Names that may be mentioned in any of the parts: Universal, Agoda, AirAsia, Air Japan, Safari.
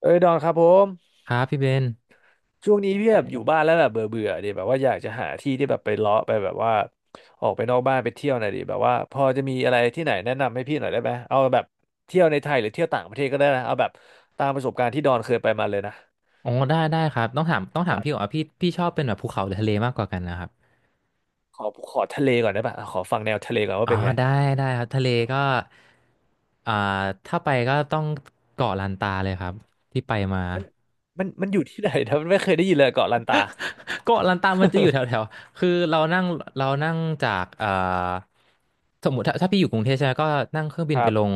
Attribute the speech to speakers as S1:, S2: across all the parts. S1: เอ้ยดอนครับผม
S2: ครับพี่เบน
S1: ช่วงนี้พี่แบบอยู่บ้านแล้วแบบเบื่อเบื่อดิแบบว่าอยากจะหาที่ที่แบบไปเลาะไปแบบว่าออกไปนอกบ้านไปเที่ยวหน่อยดิแบบว่าพอจะมีอะไรที่ไหนแนะนำให้พี่หน่อยได้ไหมเอาแบบเที่ยวในไทยหรือเที่ยวต่างประเทศก็ได้นะเอาแบบตามประสบการณ์ที่ดอนเคยไปมาเลยนะ
S2: อ๋อได้ได้ครับต้องถามต้อง
S1: ค
S2: ถาม
S1: รั
S2: พี่ก่อ
S1: บ
S2: นว่าพี่ชอบเป็นแบบภูเขาหรือทะเลมากกว่ากันนะครับ
S1: ขอขอทะเลก่อนได้ปะขอฟังแนวทะเลก่อนว่า
S2: อ๋อ
S1: เป็นไง
S2: ได้ได้ครับทะเลก็อ่าถ้าไปก็ต้องเกาะลันตาเลยครับที่ไปมา
S1: มันมันอยู่ที่ไหนนะมันไม่เคยได้ยินเลยเกาะลันตา
S2: เกาะลันตามันจะอยู่แถวๆ คือเรานั่งเรานั่งจากสมมติถ้าพี่อยู่กรุงเทพใช่ไหมก็นั่งเครื่องบิ
S1: ค
S2: นไป
S1: รั
S2: ล
S1: บ
S2: ง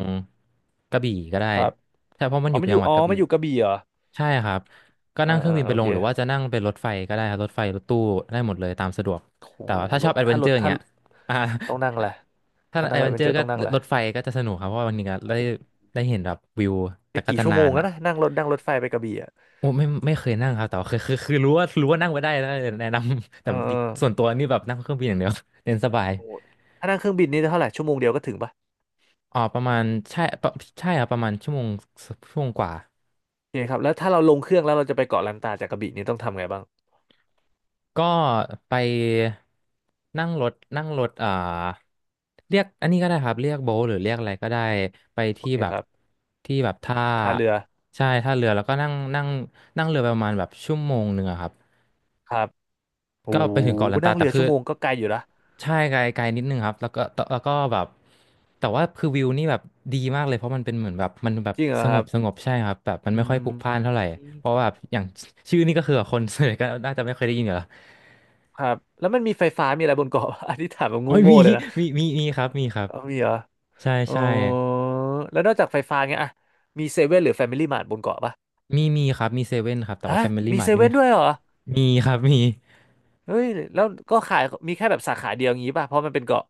S2: กระบี่ก็ได้
S1: ครับ
S2: ใช่เพราะมัน
S1: อ๋
S2: อ
S1: อ
S2: ยู่
S1: มันอ
S2: จั
S1: ยู่
S2: งหวัด
S1: อ๋อ
S2: กระ
S1: มั
S2: บี่
S1: นอยู่กระบี่เหรอ
S2: ใช่ครับก็
S1: อ่า
S2: นั่งเครื่อ
S1: อ่า
S2: งบิน
S1: โอ
S2: ไปล
S1: เค
S2: งหรือว่าจะนั่งเป็นรถไฟก็ได้ครับรถไฟรถตู้ได้หมดเลยตามสะดวก
S1: โห
S2: แต่ว่าถ้า
S1: ร
S2: ชอ
S1: ถ
S2: บแอดเว
S1: ถ้า
S2: น
S1: ร
S2: เจอ
S1: ถ
S2: ร์อย่าง
S1: ถ้า
S2: เงี้ย อ่า
S1: ต้องนั่งแหละไร
S2: ถ้า
S1: ถ้า
S2: แอ
S1: นั่ง
S2: ดเว
S1: เอ
S2: น
S1: เว
S2: เจ
S1: น
S2: อ
S1: เจอ
S2: ร์
S1: ร์
S2: ก็
S1: ต้องนั่งแหละ
S2: รถไฟก็จะสนุกครับเพราะว่าันนี้ก็ได้ได้เห็นแบบวิว
S1: ไป
S2: แต่ก็
S1: กี่
S2: จะ
S1: ชั่ว
S2: นา
S1: โมง
S2: น
S1: แล้
S2: อ่ะ
S1: วนะนั่งรถไฟไปกระบี่อ่ะ
S2: โอ้ไม่เคยนั่งครับแต่ว่าคือรู้ว่านั่งไปได้นะแนะนำ แต่
S1: เออเออ
S2: ส่วนตัวนี่แบบนั่งเครื่องบินอย่างเดียว เรียนสบาย
S1: โหถ้านั่งเครื่องบินนี่เท่าไหร่ชั่วโมงเดียวก็ถึงปะ
S2: อ๋อประมาณใช่ปะใช่ครับประมาณชั่วโมงชั่วโมงกว่า
S1: โอเคครับแล้วถ้าเราลงเครื่องแล้วเราจะไปเกาะลันตาจากกระบี่นี่ต้องทำไงบ้าง
S2: ก็ไปนั่งรถเรียกอันนี้ก็ได้ครับเรียกโบ๊ทหรือเรียกอะไรก็ได้ไป
S1: โอ
S2: ที่
S1: เค
S2: แบ
S1: ค
S2: บ
S1: รับ
S2: ที่แบบท่า
S1: ท่าเรือ
S2: ใช่ท่าเรือแล้วก็นั่งนั่งนั่งเรือไปประมาณแบบชั่วโมงหนึ่งอะครับ
S1: ครับโอ้
S2: ก็
S1: โห
S2: ไปถึงเกาะลัน
S1: นั่
S2: ตา
S1: ง
S2: แต่
S1: เรือ
S2: คื
S1: ชั่
S2: อ
S1: วโมงก็ไกลอยู่นะ
S2: ใช่ไกลไกลนิดนึงครับแล้วก็ตแล้วก็แบบแต่ว่าคือวิวนี่แบบดีมากเลยเพราะมันเป็นเหมือนแบบมันแบบ
S1: จริงเหร
S2: ส
S1: อค
S2: ง
S1: รั
S2: บ
S1: บ
S2: สงบใช่ครับแบบมัน
S1: อื
S2: ไม่ค่อยพลุ
S1: ม
S2: กพล่านเท่าไหร่เพราะว่าแบบอย่างชื่อนี่ก็คือคนส่วนใหญ่ก็น่าจะไม่เคยได้ยินอยู่แล้ว
S1: ครับแล้วมันมีไฟฟ้ามีอะไรบนเกาะ อันนี้ถามแบบ
S2: อ๋อ
S1: โง่
S2: มี
S1: ๆเลยนะ
S2: มีครับมีครับ
S1: เอามีเหรอ
S2: ใช่
S1: เออ
S2: ใช่
S1: แล้วนอกจากไฟฟ้าเงี้ยอะมีเซเว่นหรือแฟมิลี่มาร์ทบนเกาะปะ
S2: มีครับมีเซเว่นครับแต่
S1: ฮะ
S2: ว่าแฟมิลี่
S1: มี
S2: มาร์
S1: เซ
S2: ทนี่
S1: เว่
S2: ไม่
S1: นด้วยเหรอ
S2: มีครับมี
S1: เฮ้ยแล้วก็ขายมีแค่แบบสาขาเดียวงี้ป่ะเพราะมันเป็นเกาะ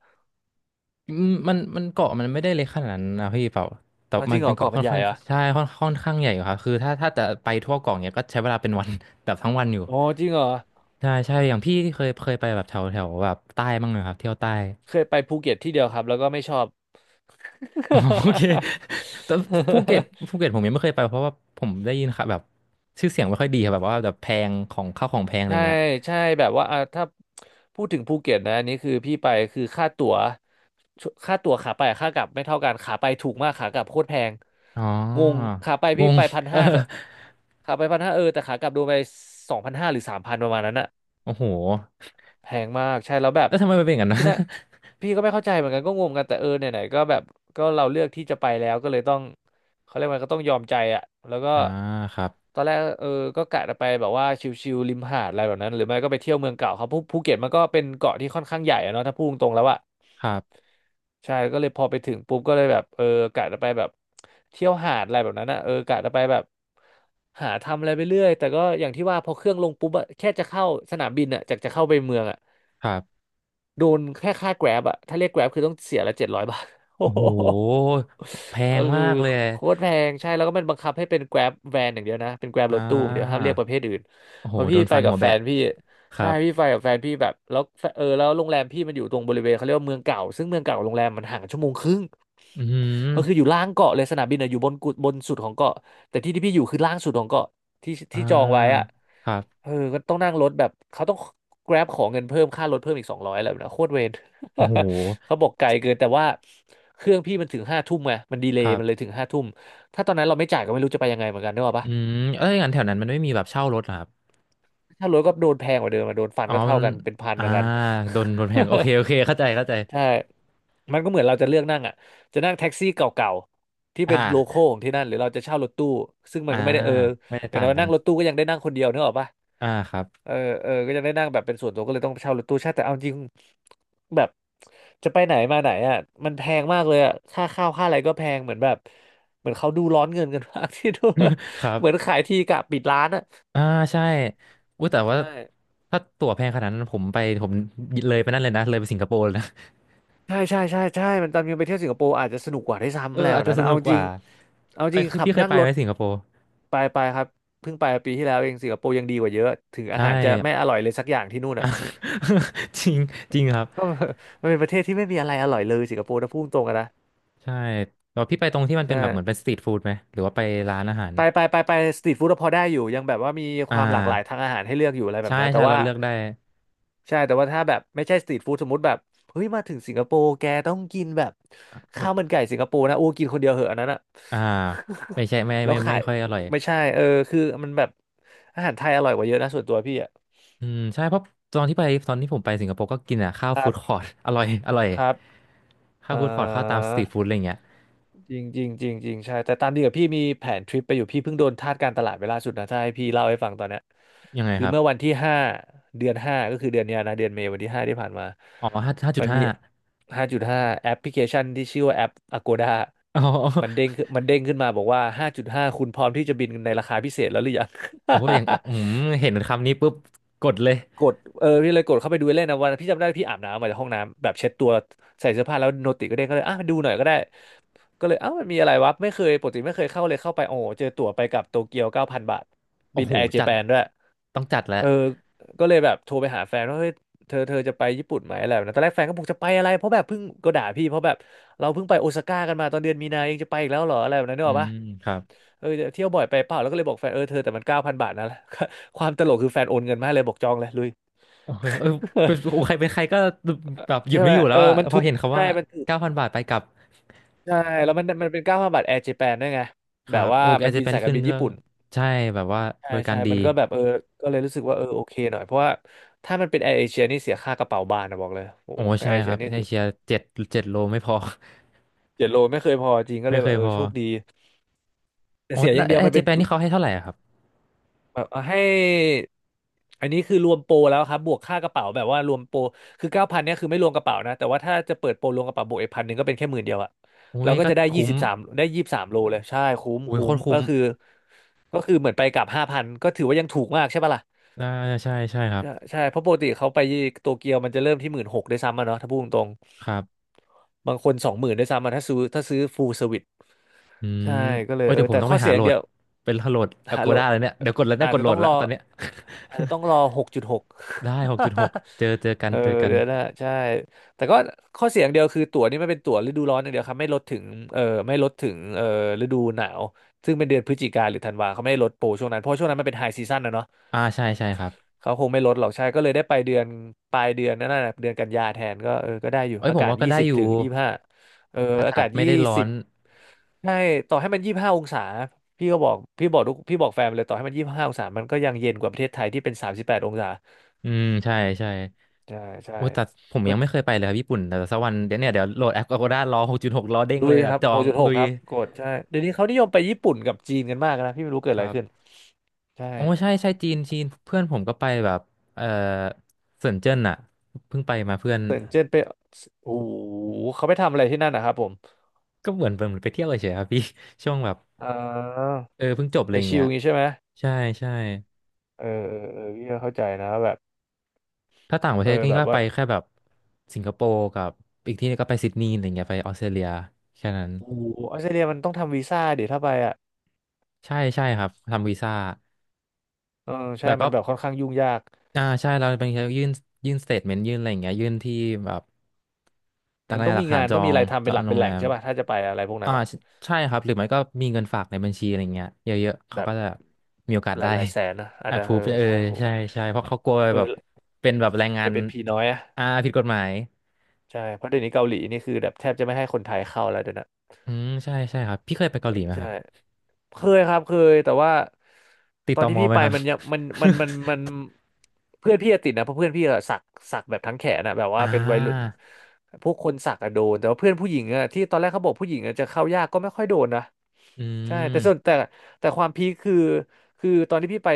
S2: อืมมันเกาะมันไม่ได้เล็กขนาดนั้นนะพี่เปล่าแต่
S1: อ๋อจ
S2: มั
S1: ริ
S2: น
S1: งเหร
S2: เป็
S1: อ
S2: นเกาะ
S1: เกาะ
S2: ค่
S1: มัน
S2: อน
S1: ใหญ่
S2: ข้าง
S1: เหรอ
S2: ใช่ค่อนข้างใหญ่อยู่ครับคือถ้าจะไปทั่วเกาะเนี้ยก็ใช้เวลาเป็นวัน แบบทั้งวันอยู่
S1: อ๋อจริงเหรอ
S2: ใช่ใช่อย่างพี่เคยไปแบบแถวแถวแบบใต้บ้างไหมครับเที่ยวใต้
S1: เคยไปภูเก็ตที่เดียวครับแล้วก็ไม่ชอบ
S2: อ๋อโอเคแต่ภูเก็ตภูเก็ตผมยังไม่เคยไปเพราะว่าผมได้ยินค่ะแบบชื่อเสียงไม่ค่อยดีครับแบบว่าแบบแพงของข้าวของแพง อะไร
S1: ใช่
S2: เงี้ย
S1: ใช่แบบว่าอ่ะถ้าพูดถึงภูเก็ตนะอันนี้คือพี่ไปคือค่าตั๋วขาไปกับค่ากลับไม่เท่ากันขาไปถูกมากขากลับโคตรแพง
S2: อ๋อ
S1: งงขาไป
S2: ง
S1: พี่
S2: ง
S1: ไปพัน
S2: เออ
S1: ห้าขาไปพันห้าเออแต่ขากลับโดนไป2,500หรือ3,000ประมาณนั้นอะ
S2: โอ้โห
S1: แพงมากใช่แล้วแบบ
S2: แล้วทำไมมันเป็นอย่างนั้น
S1: ที่
S2: นะ
S1: นั่นพี่ก็ไม่เข้าใจเหมือนกันก็งงกันแต่เออไหนๆก็แบบก็เราเลือกที่จะไปแล้วก็เลยต้องเขาเรียกว่าก็ต้องยอมใจอ่ะแล้วก็
S2: อ่าครับ
S1: ตอนแรกเออก็กะจะไปแบบว่าชิลๆริมหาดอะไรแบบนั้นหรือไม่ก็ไปเที่ยวเมืองเก่าเขาภูเก็ตมันก็เป็นเกาะที่ค่อนข้างใหญ่อะเนาะถ้าพูดตรงๆแล้วอ่ะ
S2: ครับ
S1: ใช่ก็เลยพอไปถึงปุ๊บก็เลยแบบเออกะจะไปแบบเที่ยวหาดอะไรแบบนั้นอ่ะเออกะจะไปแบบหาทำอะไรไปเรื่อยแต่ก็อย่างที่ว่าพอเครื่องลงปุ๊บอะแค่จะเข้าสนามบินอ่ะจากจะเข้าไปเมืองอ่ะ
S2: ครับ
S1: โดนแค่ค่าแกร็บอะถ้าเรียกแกร็บคือต้องเสียละ700 บาท โอ้
S2: โอ้โห
S1: โห
S2: แพ
S1: เออ
S2: งมากเลย
S1: โคตรแพงใช่แล้วก็มันบังคับให้เป็นแกร็บแวนอย่างเดียวนะเป็นแกร็บ
S2: อ่
S1: รถตู้อย่างเดียวห้าม
S2: า
S1: เรียกประเภทอื่น
S2: โอ้โห
S1: เพราะ
S2: โด
S1: พี่
S2: น
S1: ไป
S2: ฟัน
S1: กั
S2: หั
S1: บ
S2: ว
S1: แฟ
S2: แบะ
S1: นพี่
S2: ครั
S1: ใช่
S2: บ
S1: พี่ไปกับแฟนพี่แบบแล้วแฟเออแล้วโรงแรมพี่มันอยู่ตรงบริเวณเขาเรียกว่าเมืองเก่าซึ่งเมืองเก่ากับโรงแรมมันห่างชั่วโมงครึ่ง
S2: อื
S1: ก็คืออ
S2: ม
S1: ยู่ล่างเกาะเลยสนามบินอะอยู่บนกุบนสุดของเกาะแต่ที่ที่พี่อยู่คือล่างสุดของเกาะที่
S2: อ่
S1: ที่จองไว้อะ
S2: าครับ
S1: เออก็ต้องนั่งรถแบบเขาต้อง Grab ขอเงินเพิ่มค่ารถเพิ่มอีก200อะไรแบบนั้โคตรเวร
S2: โอ้โห
S1: เขาบอกไกลเกินแต่ว่าเครื่องพี่มันถึงห้าทุ่มไงมันดีเล
S2: ค
S1: ย์
S2: รั
S1: มันเลย
S2: บ
S1: ถึงห้าทุ่มถ้าตอนนั้นเราไม่จ่ายก็ไม่รู้จะไปยังไงเหมือนกันนึกออก
S2: อื
S1: ปะ
S2: มเอ้ยงั้นแถวนั้นมันไม่มีแบบเช่ารถเหรอครับ
S1: ถ้ารถก็โดนแพงกว่าเดิมอะโดนฟัน
S2: อ๋อ
S1: ก็
S2: มั
S1: เท่า
S2: น
S1: กันเป็นพันเห
S2: อ่า
S1: มือนกัน
S2: โดนแพงโอเคเข้าใจ
S1: ใช่มันก็เหมือนเราจะเลือกนั่งอ่ะจะนั่งแท็กซี่เก่าๆที่
S2: อ่
S1: เป็นโลคอล
S2: า
S1: ของที่นั่นหรือเราจะเช่ารถตู้ซึ่งมั
S2: อ่า
S1: นก็ไม่ได้เออ
S2: ไม่ได้
S1: อย่าง
S2: ต่าง
S1: น้อย
S2: กัน
S1: นั่งรถตู้ก็ยังได้นั่งคนเดียวนึกออกปะ
S2: ครับ
S1: เออเออก็จะได้นั่งแบบเป็นส่วนตัวก็เลยต้องเช่ารถตู้ใช่าแต่เอาจริงแบบจะไปไหนมาไหนอ่ะมันแพงมากเลยอ่ะค่าข้าวค่าอะไรก็แพงเหมือนแบบเหมือนเขาดูร้อนเงินกันมาก ที่ดู
S2: ครับ
S1: เหมือนขายทีกะปิดร้านอ่ะ
S2: อ่าใช่อุ้ยแต่ว่า
S1: ใช่
S2: ถ้าตั๋วแพงขนาดนั้นผมไปผมเลยไปนั่นเลยนะเลยไปสิงคโปร์เลยนะ
S1: ใช่ใช่ใช่ใช่มันตอนนีไปเที่ยวสิงคโปร์อาจจะสนุกกว่าได้วยซ้ำ
S2: เอ
S1: อะไร
S2: อ
S1: แบ
S2: อาจ
S1: บ
S2: จะ
S1: นั้น
S2: ส
S1: นะ
S2: นุ
S1: เอา
S2: กก
S1: จริ
S2: ว่า
S1: งเอา
S2: ไป
S1: จริงขับ
S2: พี่เคย
S1: นั่ง
S2: ไป
S1: ร
S2: ไหม
S1: ถ
S2: สิงคโปร์
S1: ไปไปครับเพิ่งไปปีที่แล้วเองสิงคโปร์ยังดีกว่าเยอะถึงอา
S2: ใช่
S1: หารจะไม่อร่อยเลยสักอย่างที่นู่น
S2: อ่ะ
S1: อ่ะ
S2: จริงจริงครับ
S1: ก็ มันเป็นประเทศที่ไม่มีอะไรอร่อยเลยสิงคโปร์นะพูดตรงกันนะ
S2: ใช่แต่ว่าพี่ไปตรงที่มันเป็น
S1: ใช่
S2: แบบเหมือนเป็นสตรีทฟู้ดไหมหรือว่าไปร้านอาหาร
S1: ไปไปไปไปสตรีทฟู้ดพอได้อยู่ยังแบบว่ามีค
S2: อ่
S1: วามหลากหลายทา
S2: า
S1: งอาหารให้เลือกอยู่อะไรแบ
S2: ใช่
S1: บนั้นแต่
S2: ใช่เรา
S1: ว่า
S2: เลือกได้
S1: ใช่แต่ว่าถ้าแบบไม่ใช่สตรีทฟู้ดสมมติแบบเฮ้ยมาถึงสิงคโปร์แกต้องกินแบบ
S2: อื
S1: ข้า
S2: ม
S1: วมันไก่สิงคโปร์นะโอ้กินคนเดียวเหอะอันนั้นอะ
S2: อ่าไม่ใช่ไม่
S1: แล้
S2: ไม่
S1: ว
S2: ไม่
S1: ขา
S2: ไม่
S1: ย
S2: ค่อยอร่อย
S1: ไม่ใช่เออคือมันแบบอาหารไทยอร่อยกว่าเยอะนะส่วนตัวพี่อะ
S2: อืมใช่เพราะตอนที่ไปตอนที่ผมไปสิงคโปร์ก็กินอ่ะข้าว
S1: ครั
S2: ฟู้ดคอ
S1: บ
S2: ร์ต อร่อยอร่อย
S1: ครับ
S2: ข้าว
S1: เอ่
S2: ฟู้ดคอร์ตข้าวตามส
S1: อ
S2: ตรีทฟู้ดอะไรอย่างเงี้ย
S1: จริงจริงจริงจริงใช่แต่ตามดีกับพี่มีแผนทริปไปอยู่พี่เพิ่งโดนทาสการตลาดไปล่าสุดนะถ้าให้พี่เล่าให้ฟังตอนเนี้ย
S2: ยังไง
S1: คือ
S2: ครับ
S1: เมื่อวันที่ห้าเดือน 5ก็คือเดือนเนี้ยนะเดือนเมษวันที่ห้าที่ผ่านมา
S2: อ๋อห้าห้าจุ
S1: มั
S2: ด
S1: น
S2: ห้า
S1: มี ห้าจุดห้าแอปพลิเคชันที่ชื่อว่าแอป Agoda
S2: อ๋อ
S1: มันเด้งขึ้นมาบอกว่าห้าจุดห้าคุณพร้อมที่จะบินในราคาพิเศษแล้วหรือยัง
S2: โอ้โหอย่างเอออืมเห็นคำนี้ปุ๊บกดเลย
S1: กดเออพี่เลยกดเข้าไปดูเล่นนะวันพี่จำได้พี่อาบน้ำมาจากห้องน้ำแบบเช็ดตัวใส่เสื้อผ้าแล้วโนติก็เด้งก็เลยอ่ะดูหน่อยก็ได้ ก็เลยเอ้ามันมีอะไรวะไม่เคยปกติไม่เคยเข้าเลยเข้าไปโอ้โหเจอตั๋วไปกับโตเกียวเก้าพันบาท
S2: โอ้
S1: บิน
S2: โห
S1: แอร์เจ
S2: จัด
S1: แปนด้วย
S2: ต้องจัดแล้ว
S1: เออก็เลยแบบโทรไปหาแฟนว่าเฮ้ยเธอจะไปญี่ปุ่นไหมอะไรแบบนั้นตอนแรกแฟนก็บอกจะไปอะไรเพราะแบบเพิ่งก็ด่าพี่เพราะแบบเราเพิ่งไปโอซาก้ากันมาตอนเดือนมีนาเองจะไปอีกแล้วเหรออะไรแบบนั้นนึก
S2: อื
S1: ออก
S2: ม
S1: ปะ
S2: ครับ
S1: เออเที่ยวบ่อยไปเปล่าแล้วก็เลยบอกแฟนเออเธอแต่มันเก้าพันบาทนะ ความตลกคือแฟนโอนเงินมาให้เลยบอกจองเลยลุย
S2: โอเคเออเป็นโอ้ใครเป็นใครก็แบบหยุ
S1: ใช่
S2: ดไม่
S1: ไหม
S2: อยู่แล้
S1: เอ
S2: ว
S1: อ
S2: อะ
S1: มัน
S2: พอ
S1: ถูก
S2: เห็นคำ
S1: ใช่
S2: ว่า
S1: มันถูก
S2: เก้าพันบาทไปกลับ
S1: ใช่แล้วมันเป็นเก้าพันบาทแอร์เจแปนด้วยไง
S2: ค
S1: แบ
S2: รั
S1: บ
S2: บ
S1: ว่า
S2: โอ้แอ
S1: มัน
S2: ร์เจ
S1: บิน
S2: แปน
S1: สายกา
S2: ขึ้
S1: ร
S2: น
S1: บิน
S2: เรื่
S1: ญี่
S2: อง
S1: ปุ่น
S2: ใช่แบบว่า
S1: ใช่
S2: บริกา
S1: ใช่
S2: รดี
S1: มันก็แบบเออก็เลยรู้สึกว่าเออโอเคหน่อยเพราะว่าถ้ามันเป็นแอร์เอเชียนี่เสียค่ากระเป๋าบานนะบอกเลยโอ้
S2: โอ้ใช่
S1: แอร์เอ
S2: ค
S1: เชี
S2: รั
S1: ย
S2: บใน
S1: นี่
S2: เอ
S1: คือ
S2: เชียเจ็ดเจ็ดโลไม่พอ
S1: 7 โลไม่เคยพอจริง ก็
S2: ไม่
S1: เลย
S2: เค
S1: แบบ
S2: ย
S1: เออ
S2: พอ
S1: โชคดีแต่
S2: อ๋อ
S1: เสียอ
S2: แล้
S1: ย่า
S2: ว
S1: งเดียว
S2: แอ
S1: มั
S2: ร์
S1: น
S2: เจ
S1: เป็น
S2: แปน
S1: ตุ
S2: นี่เขาให้เท่าไหร่อะครับ
S1: แบบเอาให้อันนี้คือรวมโปรแล้วครับบวกค่ากระเป๋าแบบว่ารวมโปรคือเก้าพันเนี่ยคือไม่รวมกระเป๋านะแต่ว่าถ้าจะเปิดโปรรวมกระเป๋าบวกอีก1,000ก็เป็นแค่10,000อะ
S2: อุ้
S1: เรา
S2: ย
S1: ก็
S2: ก็
S1: จะได้ยี่
S2: คุ้ม
S1: สิบสามได้23 โลเลยใช่คุ้ม
S2: อุ้ย
S1: คุ้
S2: โค
S1: ม
S2: ตรคุ้
S1: ก็
S2: ม
S1: คือก็คือเหมือนไปกลับ5,000ก็ถือว่ายังถูกมากใช่ปะล่ะ
S2: อ่าใช่ใช่ครับ
S1: ใช่ใช่เพราะปกติเขาไปโตเกียวมันจะเริ่มที่16,000ด้วยซ้ำอะเนาะถ้าพูดตรง
S2: ครับ
S1: ๆบางคน20,000ด้วยซ้ำอะถ้าซื้อฟูลเซอร์วิส
S2: อื
S1: ใช่
S2: ม
S1: ก็เลย
S2: โอ้ย
S1: เออ
S2: เดี๋ยวผ
S1: แต่
S2: มต้อง
S1: ข้อ
S2: ไป
S1: เสี
S2: หา
S1: ยอ
S2: โหล
S1: ย่างเดี
S2: ด
S1: ยว
S2: เป็นโหลด
S1: ฮัลโหล
S2: Agoda เลยเนี่ยเดี๋ยวกดแล้วเนี่ย
S1: อา
S2: ก
S1: จ
S2: ด
S1: จะ
S2: โหล
S1: ต้อ
S2: ด
S1: ง
S2: แล้
S1: ร
S2: ว
S1: อ
S2: ตอนเนี้ย
S1: อาจจะต้องรอหกจุดหก
S2: ได้หกจุดหกเจอเจอกั น
S1: เออ
S2: เจอกัน
S1: เดี๋ยวนะใช่ แต่ก็ข้อเสียอย่างเดียวคือตั๋วนี่ไม่เป็นตั๋วฤดูร้อนอย่างเดียวครับไม่ลดถึงเออไม่ลดถึงเออฤดูหนาว ซึ่งเป็นเดือนพฤศจิกาหรือธันวาเขาไม่ได้ลดโปรช่วงนั้นเพราะช่วงนั้นมันเป็นไฮซีซั่นนะเนาะ
S2: ใช่ใช่ครับ
S1: เขาคงไม่ลดหรอกใช่ก็เลยได้ไปเดือนปลายเดือนนั่นน่ะเดือนกันยาแทนก็เออก็ได้อยู่
S2: เอ้ย
S1: อา
S2: ผม
S1: กาศ
S2: ว่าก็
S1: ยี่
S2: ได้
S1: สิบ
S2: อยู่
S1: ถึงยี่ห้าเออ
S2: อา
S1: อา
S2: กา
S1: กา
S2: ศ
S1: ศ
S2: ไม่
S1: ยี่
S2: ได้ร้อ
S1: สิ
S2: น
S1: บใช่ต่อให้มันยี่ห้าองศาพี่ก็บอกพี่บอกทุกพี่บอกแฟนเลยต่อให้มันยี่ห้าองศามันก็ยังเย็นกว่าประเทศไทยที่เป็น38 องศา
S2: อืมใช่ใช่
S1: ใช่ใช่
S2: โอ้ยแต่ผม
S1: เออ
S2: ยังไม่เคยไปเลยครับญี่ปุ่นแต่สักวันเดี๋ยวเนี่ยเดี๋ยวโหลดแอป Agoda รอหกจุดหกรอเด้ง
S1: ลุ
S2: เล
S1: ย
S2: ย
S1: ค
S2: อะ
S1: รับ
S2: จอ
S1: หก
S2: ง
S1: จุดห
S2: ลุ
S1: ก
S2: ย
S1: ครับกดใช่เดี๋ยวนี้เขานิยมไปญี่ปุ่นกับจีนกันมากนะพี่ไม่รู้เกิด
S2: ค
S1: อะไร
S2: รั
S1: ขึ้น
S2: บ
S1: ใช่
S2: โอ้ใช่ใช่จีนจีนเพื่อนผมก็ไปแบบเออเซินเจิ้นอะเพิ่งไปมาเพื่อน
S1: เซินเจิ้นไปโอ้โหเขาไปทำอะไรที่นั่นนะครับผม
S2: ก็เหมือนไปเที่ยวเฉยๆครับพี่ ช่วงแบบ
S1: อ่า
S2: เออเพิ่งจบอะ
S1: ไป
S2: ไรอย่าง
S1: ชิ
S2: เงี้
S1: ล
S2: ย
S1: งี้ใช่ไหม
S2: ใช่ใช่
S1: เออเออเออพี่ก็เข้าใจนะแบบ
S2: ถ้าต่างประเท
S1: เอ
S2: ศ
S1: อ
S2: ก็
S1: แบ
S2: นี่
S1: บ
S2: ก็
S1: ว่า
S2: ไปแค่แบบสิงคโปร์กับอีกที่นึงก็ไปซิดนีย์อะไรเงี้ยไปออสเตรเลียแค่นั้น
S1: โอ้โหออสเตรเลียมันต้องทำวีซ่าเดี๋ยวถ้าไปอ่ะ
S2: ใช่ใช่ครับทำวีซ่า
S1: เออ
S2: แต่
S1: ใช่มั
S2: ก็
S1: นแบบค่อนข้างยุ่งยาก
S2: ใช่เราเป็นยื่นยื่นสเตทเมนต์ยื่นอะไรอย่างเงี้ยยื่นที่แบบอะา
S1: มัน
S2: ราง
S1: ต้อง
S2: หลั
S1: มี
S2: กฐาน
S1: งาน
S2: จ
S1: ต้
S2: อ
S1: องมี
S2: ง
S1: อะไรทำ
S2: จ
S1: เป็
S2: อ
S1: นห
S2: ง
S1: ลัก
S2: โร
S1: เป็
S2: ง
S1: นแห
S2: แร
S1: ล่ง
S2: ม
S1: ใช่ป่ะถ้าจะไปอะไรพวกนั้นอะ
S2: ใช่ใช่ครับหรือไม่ก็มีเงินฝากในบัญชีอะไรเงี้ยเยอะๆเขา
S1: แบ
S2: ก็
S1: บ
S2: จะมีโอกาส
S1: หลา
S2: ได้
S1: ยหลายแสนนะอา จจะเออ
S2: approve เออ
S1: ใช่โอ้โห
S2: ใช่ใช่เพราะเขากลัว
S1: เอ
S2: แบบ
S1: อ
S2: เป็นแบบแรงงา
S1: ไป
S2: น
S1: เป็นพีน้อยอะ
S2: ผิดกฎหมาย
S1: ใช่เพราะเดี๋ยวนี้เกาหลีนี่คือแบบแทบจะไม่ให้คนไทยเข้าแล้วเดี๋ยวนะ
S2: อืมใช่ใช่ครับพี่เคยไปเกาหลีไหมค
S1: ใช่
S2: รับ
S1: เคยครับเคยแต่ว่า
S2: ติด
S1: ตอน
S2: ต่อ
S1: ที่
S2: มอ
S1: พี่
S2: ไหม
S1: ไป
S2: ครับ
S1: มันยังมันมันมันมันเพื่อนพี่อะติดนะเพราะเพื่อนพี่อะสักแบบทั้งแขนอะแบบ
S2: อ่
S1: ว่าเป็นวัยรุ่น
S2: า
S1: พวกคนสักอะโดนแต่ว่าเพื่อนผู้หญิงอะที่ตอนแรกเขาบอกผู้หญิงอะจะเข้ายากก็ไม่ค่อยโดนนะ
S2: อื
S1: ใช่แต่
S2: ม
S1: ส่วนแต่แต่ความพีคคือตอนที่พี่ไป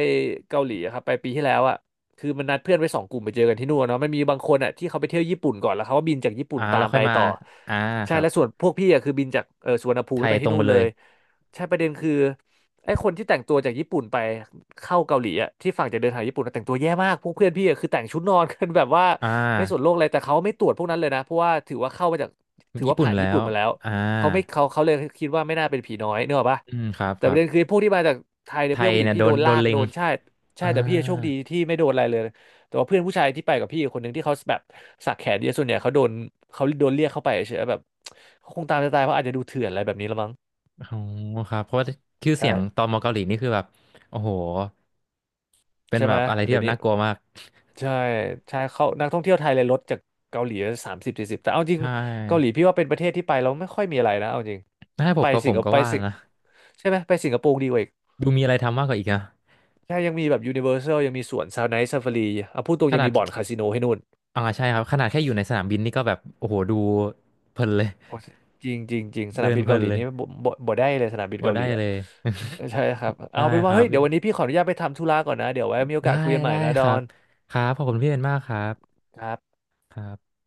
S1: เกาหลีอะครับไปปีที่แล้วอะคือมันนัดเพื่อนไว้สองกลุ่มไปเจอกันที่นู่นเนาะมันมีบางคนอะที่เขาไปเที่ยวญี่ปุ่นก่อนแล้วเขาก็บินจากญี่ปุ่นตา
S2: แล้ว
S1: ม
S2: ค่อ
S1: ไป
S2: ยมา
S1: ต่อ
S2: อ่า
S1: ใช่
S2: ครับ
S1: และส่วนพวกพี่อะคือบินจากสุวรรณภู
S2: ไท
S1: มิแล้ว
S2: ย
S1: ไป
S2: ตร
S1: ที่
S2: ง
S1: นู่
S2: ไป
S1: น
S2: เล
S1: เล
S2: ย
S1: ย ใช่ประเด็นคือไอ้คนที่แต่งตัวจากญี่ปุ่นไปเข้าเกาหลีอ่ะที่ฝั่งจะเดินทางญี่ปุ่นนะแต่งตัวแย่มากพวกเพื่อนพี่อะคือแต่งชุดนอนกันแบบว่า
S2: อ่า
S1: ไม่สนโลกอะไรแต่เขาไม่ตรวจพวกนั้นเลยนะเพราะว่าถือว่าเข้ามาจากถือ
S2: ญี่
S1: ว่า
S2: ปุ่น
S1: ผ่าน
S2: แล้
S1: ญี่ปุ่
S2: ว
S1: นมาแล้ว
S2: อ่า
S1: เขาเลยคิดว่าไม่น่าเป็นผีน้อยเนกอะปะ
S2: อืมครับ
S1: แต่
S2: ค
S1: ป
S2: รั
S1: ระเด็น
S2: บ
S1: คือพวกที่มาจากไทยเนี่ย
S2: ไท
S1: เพื่อน
S2: ย
S1: ผู้หญิง
S2: เนี่ย
S1: พี่
S2: โด
S1: โด
S2: น
S1: น
S2: โด
S1: ลา
S2: น
S1: ก
S2: เล็
S1: โด
S2: ง
S1: นใช่ใช่
S2: อ่า
S1: แต่พี่โชคดีที่ไม่โดนอะไรเลยแต่ว่าเพื่อนผู้ชายที่ไปกับพี่คนหนึ่งที่เขาแบบสักแขนเยอะส่วนใหญ่เขาโดนเขาโดนเรียกเข้าไปเฉยๆแบบเขาคงตามจะตายเพราะอาจจะดูเถื่อนอะไรแบบนี้ละมั้ง
S2: โอ้โหครับเพราะว่าชื่อเสี
S1: ใช่
S2: ยงตอมอเกาหลีนี่คือแบบโอ้โหเป็น
S1: ใช่
S2: แบ
S1: ไหม
S2: บอะไรที่
S1: เดี๋ย
S2: แบ
S1: ว
S2: บ
S1: นี้
S2: น่ากลัวมาก
S1: ใช่ใช่เขานักท่องเที่ยวไทยเลยลดจากเกาหลี30-40แต่เอาจริง
S2: ใช่
S1: เกาหลีพี่ว่าเป็นประเทศที่ไปแล้วไม่ค่อยมีอะไรนะเอาจริง
S2: ถ้าให้ผ
S1: ไป
S2: มก็ผ
S1: สิง
S2: ม
S1: คโป
S2: ก็
S1: ร์ไป
S2: ว่า
S1: สิง
S2: นะ
S1: ใช่ไหมไปสิงคโปร์ดีกว่าอีก
S2: ดูมีอะไรทำมากกว่าอีกนะ
S1: ใช่ยังมีแบบยูนิเวอร์แซลยังมีสวนซาวไนท์ซาฟารีเอาพูดตรง
S2: ข
S1: ยัง
S2: นาด
S1: มีบ่อนคาสิโนให้นู่น
S2: ใช่ครับขนาดแค่อยู่ในสนามบินนี่ก็แบบโอ้โหดูเพลินเลย
S1: โอ้จริงจริงจริงส นา
S2: เดิ
S1: ม
S2: น
S1: บิน
S2: เพลิ
S1: เกาห
S2: น
S1: ลี
S2: เลย
S1: นี่บ่ได้เลยสนามบิน
S2: ว่า
S1: เกาห
S2: ได้
S1: ลีอ่ะ
S2: เลย
S1: ใช่ครับ
S2: ได้
S1: เอาเป็น
S2: ค
S1: ว่า
S2: รั
S1: เฮ้ยเดี๋ยววัน
S2: บ
S1: นี้พี่ขออนุญาตไปทำธุระก่อนนะเดี๋ยวไว้มีโอ
S2: ได้
S1: กาสคุยกันใหม่
S2: ได้
S1: นะด
S2: ค
S1: อ
S2: รับ
S1: น
S2: ครับขอบคุณพี่เป็นมากครับ
S1: ครับ
S2: ครับ